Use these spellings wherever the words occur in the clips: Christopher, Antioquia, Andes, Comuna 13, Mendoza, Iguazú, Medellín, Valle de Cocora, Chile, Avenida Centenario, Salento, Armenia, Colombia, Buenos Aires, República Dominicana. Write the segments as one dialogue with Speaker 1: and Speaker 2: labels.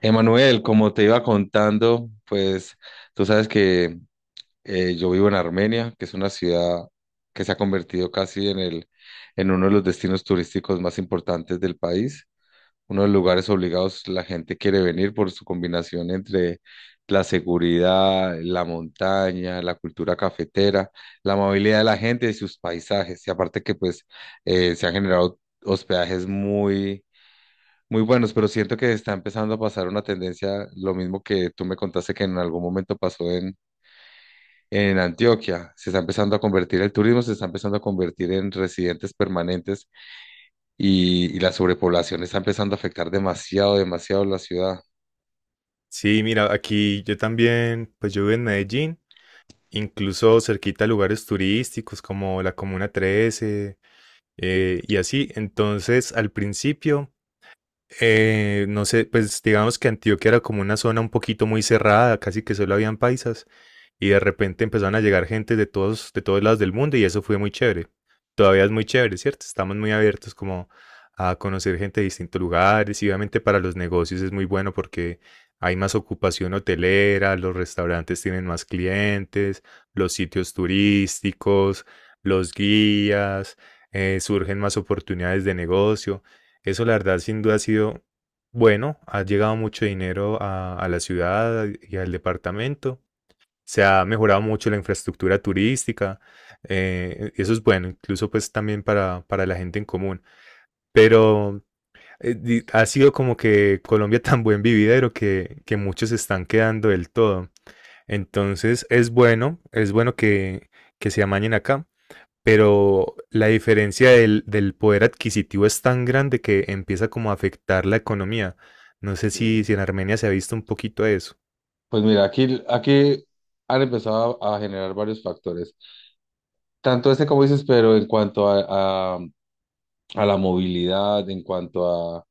Speaker 1: Emanuel, como te iba contando, pues tú sabes que yo vivo en Armenia, que es una ciudad que se ha convertido casi en el, en uno de los destinos turísticos más importantes del país, uno de los lugares obligados la gente quiere venir por su combinación entre la seguridad, la montaña, la cultura cafetera, la amabilidad de la gente y sus paisajes. Y aparte que pues se han generado hospedajes muy muy buenos, pero siento que está empezando a pasar una tendencia, lo mismo que tú me contaste que en algún momento pasó en Antioquia. Se está empezando a convertir el turismo, se está empezando a convertir en residentes permanentes y la sobrepoblación está empezando a afectar demasiado, demasiado la ciudad.
Speaker 2: Sí, mira, aquí yo también, pues yo vivo en Medellín, incluso cerquita a lugares turísticos como la Comuna 13 y así. Entonces, al principio, no sé, pues digamos que Antioquia era como una zona un poquito muy cerrada, casi que solo habían paisas, y de repente empezaron a llegar gente de todos lados del mundo, y eso fue muy chévere. Todavía es muy chévere, ¿cierto? Estamos muy abiertos como a conocer gente de distintos lugares, y obviamente para los negocios es muy bueno porque hay más ocupación hotelera, los restaurantes tienen más clientes, los sitios turísticos, los guías, surgen más oportunidades de negocio. Eso la verdad sin duda ha sido bueno, ha llegado mucho dinero a la ciudad y al departamento, se ha mejorado mucho la infraestructura turística, eso es bueno, incluso pues también para la gente en común, pero ha sido como que Colombia tan buen vividero que muchos se están quedando del todo. Entonces es bueno que se amañen acá, pero la diferencia del poder adquisitivo es tan grande que empieza como a afectar la economía. No sé si,
Speaker 1: Sí.
Speaker 2: si en Armenia se ha visto un poquito eso.
Speaker 1: Pues mira, aquí han empezado a generar varios factores, tanto este como dices, pero en cuanto a la movilidad, en cuanto a,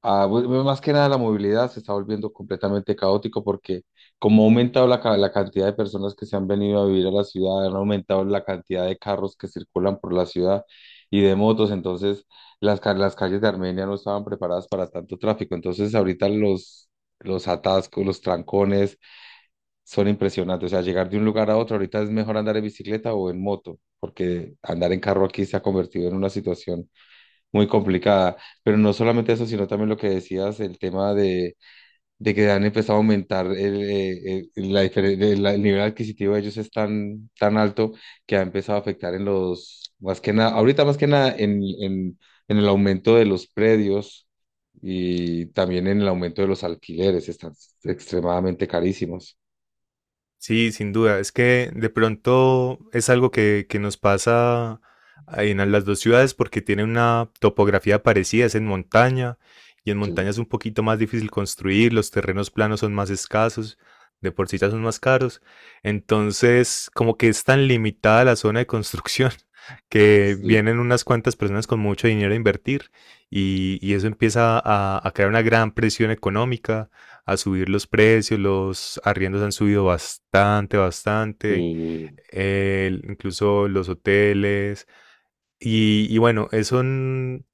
Speaker 1: Ah, bu- bu- más que nada la movilidad se está volviendo completamente caótico porque como ha aumentado la cantidad de personas que se han venido a vivir a la ciudad, han aumentado la cantidad de carros que circulan por la ciudad y de motos, entonces las calles de Armenia no estaban preparadas para tanto tráfico, entonces ahorita los atascos, los trancones son impresionantes, o sea, llegar de un lugar a otro, ahorita es mejor andar en bicicleta o en moto, porque andar en carro aquí se ha convertido en una situación muy complicada. Pero no solamente eso, sino también lo que decías, el tema de que han empezado a aumentar el nivel adquisitivo de ellos es tan, tan alto que ha empezado a afectar más que nada, ahorita más que nada en el aumento de los predios y también en el aumento de los alquileres, están extremadamente carísimos.
Speaker 2: Sí, sin duda. Es que de pronto es algo que nos pasa en las dos ciudades porque tienen una topografía parecida, es en montaña y en
Speaker 1: Sí,
Speaker 2: montaña es un poquito más difícil construir, los terrenos planos son más escasos, de por sí ya son más caros. Entonces, como que es tan limitada la zona de construcción que
Speaker 1: sí,
Speaker 2: vienen unas cuantas personas con mucho dinero a invertir, y eso empieza a crear una gran presión económica, a subir los precios, los arriendos han subido bastante, bastante,
Speaker 1: sí,
Speaker 2: incluso los hoteles. Y bueno, eso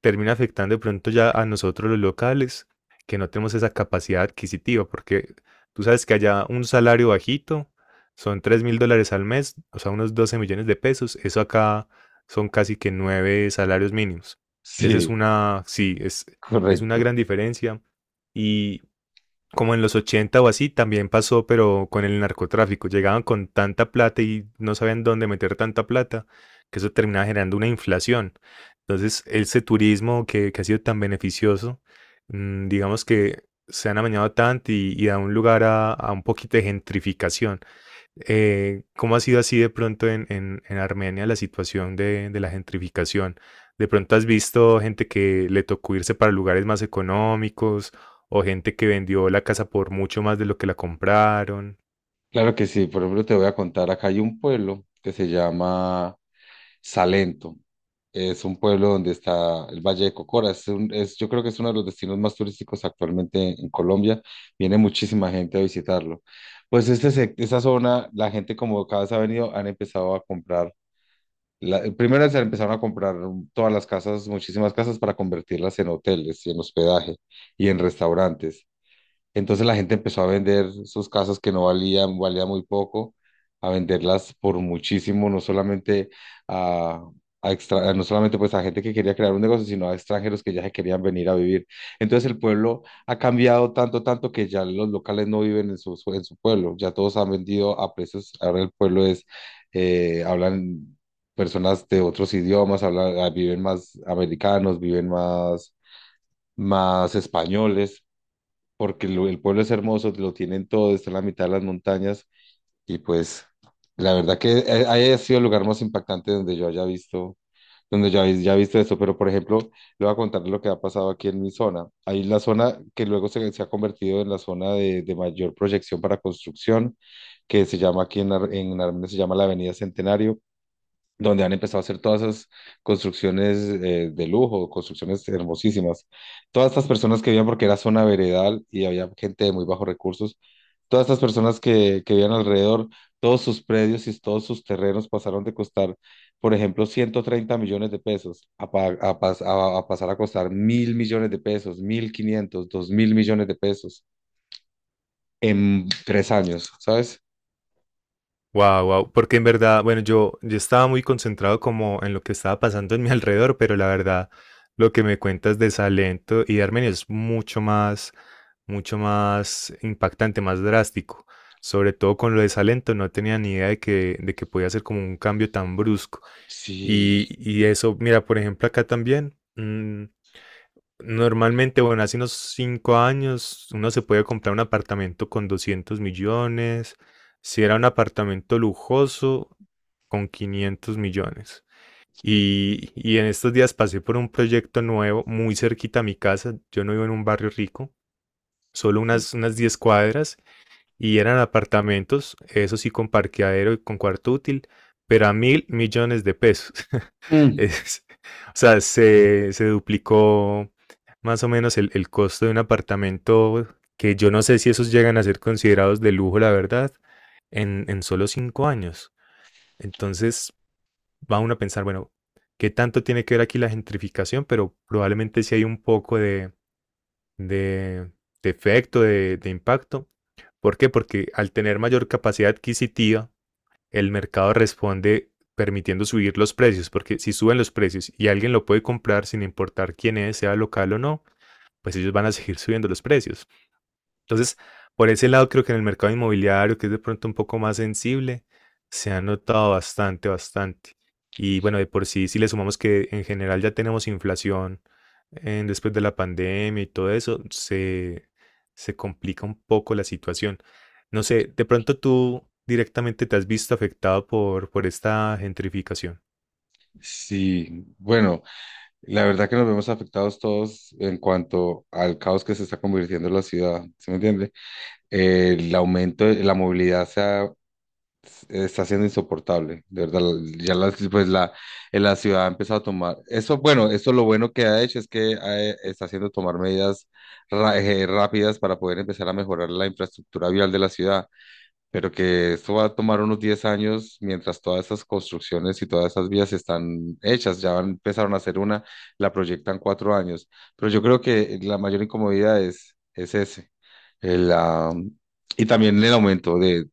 Speaker 2: termina afectando de pronto ya a nosotros los locales, que no tenemos esa capacidad adquisitiva, porque tú sabes que allá un salario bajito son $3.000 al mes, o sea, unos 12 millones de pesos, eso acá son casi que 9 salarios mínimos. Esa es
Speaker 1: sí,
Speaker 2: una, sí, es una
Speaker 1: correcto.
Speaker 2: gran diferencia. Y, como en los 80 o así, también pasó, pero con el narcotráfico. Llegaban con tanta plata y no sabían dónde meter tanta plata, que eso terminaba generando una inflación. Entonces, ese turismo que ha sido tan beneficioso, digamos que se han amañado tanto y da un lugar a un poquito de gentrificación. ¿Cómo ha sido así de pronto en, en Armenia la situación de la gentrificación? ¿De pronto has visto gente que le tocó irse para lugares más económicos o gente que vendió la casa por mucho más de lo que la compraron?
Speaker 1: Claro que sí, por ejemplo, te voy a contar, acá hay un pueblo que se llama Salento. Es un pueblo donde está el Valle de Cocora. Yo creo que es uno de los destinos más turísticos actualmente en Colombia. Viene muchísima gente a visitarlo. Pues esta zona, la gente como cada vez ha venido, han empezado a comprar. Primero se empezaron a comprar todas las casas, muchísimas casas para convertirlas en hoteles y en hospedaje y en restaurantes. Entonces la gente empezó a vender sus casas que no valían muy poco, a venderlas por muchísimo, no solamente a, a extra- no solamente pues a gente que quería crear un negocio, sino a extranjeros que ya se querían venir a vivir. Entonces el pueblo ha cambiado tanto, tanto que ya los locales no viven en en su pueblo, ya todos han vendido a precios, ahora el pueblo es, hablan personas de otros idiomas, hablan, viven más americanos, viven más españoles porque el pueblo es hermoso, lo tienen todo, está en la mitad de las montañas y pues la verdad que haya sido el lugar más impactante donde yo haya visto, donde yo haya visto eso. Pero por ejemplo, le voy a contar lo que ha pasado aquí en mi zona. Ahí la zona que luego se ha convertido en la zona de mayor proyección para construcción, que se llama aquí en Armenia, se llama la Avenida Centenario donde han empezado a hacer todas esas construcciones de lujo, construcciones hermosísimas. Todas estas personas que vivían, porque era zona veredal y había gente de muy bajos recursos, todas estas personas que vivían alrededor, todos sus predios y todos sus terrenos pasaron de costar, por ejemplo, 130 millones de pesos a, pa- a pas- a pasar a costar 1.000 millones de pesos, 1.500, 2.000 millones de pesos en 3 años, ¿sabes?
Speaker 2: Wow, wow, porque en verdad, bueno, yo estaba muy concentrado como en lo que estaba pasando en mi alrededor, pero la verdad, lo que me cuentas de Salento y de Armenia es mucho más impactante, más drástico. Sobre todo con lo de Salento, no tenía ni idea de que podía ser como un cambio tan brusco. Y,
Speaker 1: Sí,
Speaker 2: y eso, mira, por ejemplo, acá también. Normalmente, bueno, hace unos 5 años uno se puede comprar un apartamento con 200 millones. Si era un apartamento lujoso, con 500 millones. Y en estos días pasé por un proyecto nuevo muy cerquita a mi casa. Yo no vivo en un barrio rico, solo
Speaker 1: sí.
Speaker 2: unas 10 cuadras. Y eran apartamentos, eso sí, con parqueadero y con cuarto útil, pero a 1.000 millones de pesos.
Speaker 1: Mm.
Speaker 2: Es- o sea, se duplicó más o menos el costo de un apartamento que yo no sé si esos llegan a ser considerados de lujo, la verdad, en solo 5 años. Entonces va uno a pensar, bueno, ¿qué tanto tiene que ver aquí la gentrificación? Pero probablemente sí hay un poco de, de efecto, de impacto. ¿Por qué? Porque al tener mayor capacidad adquisitiva, el mercado responde permitiendo subir los precios, porque si suben los precios y alguien lo puede comprar sin importar quién es, sea local o no, pues ellos van a seguir subiendo los precios. Entonces, por ese lado, creo que en el mercado inmobiliario, que es de pronto un poco más sensible, se ha notado bastante, bastante. Y bueno, de por sí, si le sumamos que en general ya tenemos inflación después de la pandemia y todo eso, se complica un poco la situación. No sé, de pronto tú directamente te has visto afectado por esta gentrificación.
Speaker 1: Sí, bueno, la verdad que nos vemos afectados todos en cuanto al caos que se está convirtiendo en la ciudad, ¿sí me entiende? El aumento de la movilidad está siendo insoportable, de verdad. Pues la ciudad ha empezado a tomar, eso bueno, eso lo bueno que ha hecho es que está haciendo tomar medidas rápidas para poder empezar a mejorar la infraestructura vial de la ciudad pero que esto va a tomar unos 10 años mientras todas esas construcciones y todas esas vías están hechas, empezaron a hacer una, la proyectan 4 años, pero yo creo que la mayor incomodidad es ese, el, ah, y también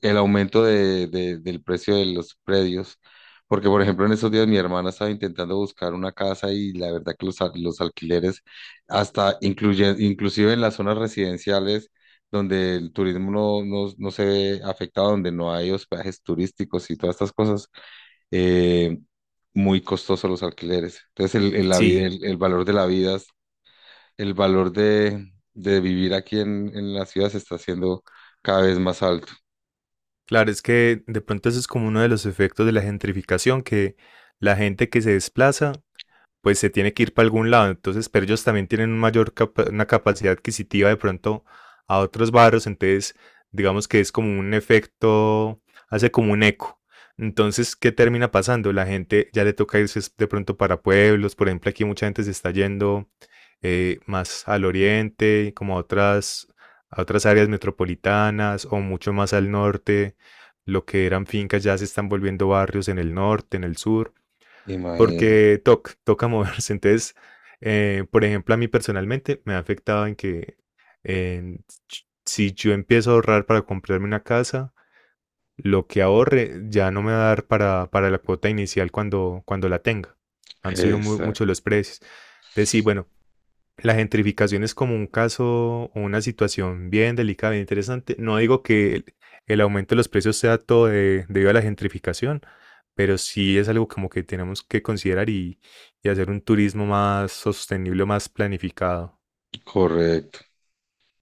Speaker 1: el aumento de- del precio de los predios, porque por ejemplo en estos días mi hermana estaba intentando buscar una casa y la verdad que los alquileres, hasta inclusive en las zonas residenciales donde el turismo no se ve afectado, donde no hay hospedajes turísticos y todas estas cosas, eh, muy costosos los alquileres. Entonces el, el la vida-
Speaker 2: Sí,
Speaker 1: el- el valor de la vida, el valor de vivir aquí en la ciudad se está haciendo cada vez más alto.
Speaker 2: claro, es que de pronto eso es como uno de los efectos de la gentrificación, que la gente que se desplaza pues se tiene que ir para algún lado. Entonces, pero ellos también tienen una capacidad adquisitiva de pronto a otros barrios. Entonces, digamos que es como un efecto, hace como un eco. Entonces, ¿qué termina pasando? La gente ya le toca irse de pronto para pueblos. Por ejemplo, aquí mucha gente se está yendo, más al oriente, como a otras, áreas metropolitanas o mucho más al norte. Lo que eran fincas ya se están volviendo barrios en el norte, en el sur
Speaker 1: Imagínate.
Speaker 2: porque toca moverse. Entonces, por ejemplo, a mí personalmente me ha afectado en que, eh, si yo empiezo a ahorrar para comprarme una casa, lo que ahorre ya no me va a dar para la cuota inicial cuando la tenga. Han subido mucho
Speaker 1: Exacto,
Speaker 2: los precios. Entonces, sí, bueno, la gentrificación es como un caso o una situación bien delicada, bien interesante. No digo que el aumento de los precios sea todo debido a la gentrificación, pero sí es algo como que tenemos que considerar y hacer un turismo más sostenible, más planificado.
Speaker 1: correcto.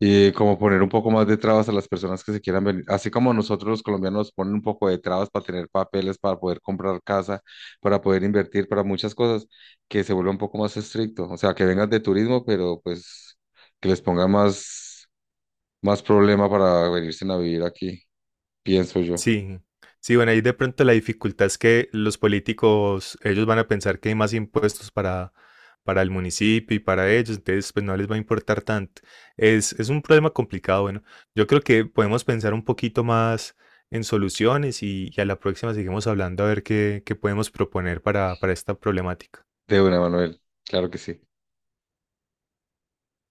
Speaker 1: Y como poner un poco más de trabas a las personas que se quieran venir, así como nosotros los colombianos ponen un poco de trabas para tener papeles, para poder comprar casa, para poder invertir, para muchas cosas, que se vuelva un poco más estricto. O sea, que vengan de turismo, pero pues que les ponga más problema para venirse a vivir aquí, pienso yo.
Speaker 2: Sí, sí, bueno, ahí de pronto la dificultad es que los políticos, ellos van a pensar que hay más impuestos para el municipio y para ellos, entonces pues no les va a importar tanto. Es un problema complicado, bueno, yo creo que podemos pensar un poquito más en soluciones y a la próxima seguimos hablando a ver qué podemos proponer para esta problemática.
Speaker 1: De una, Manuel, claro que sí.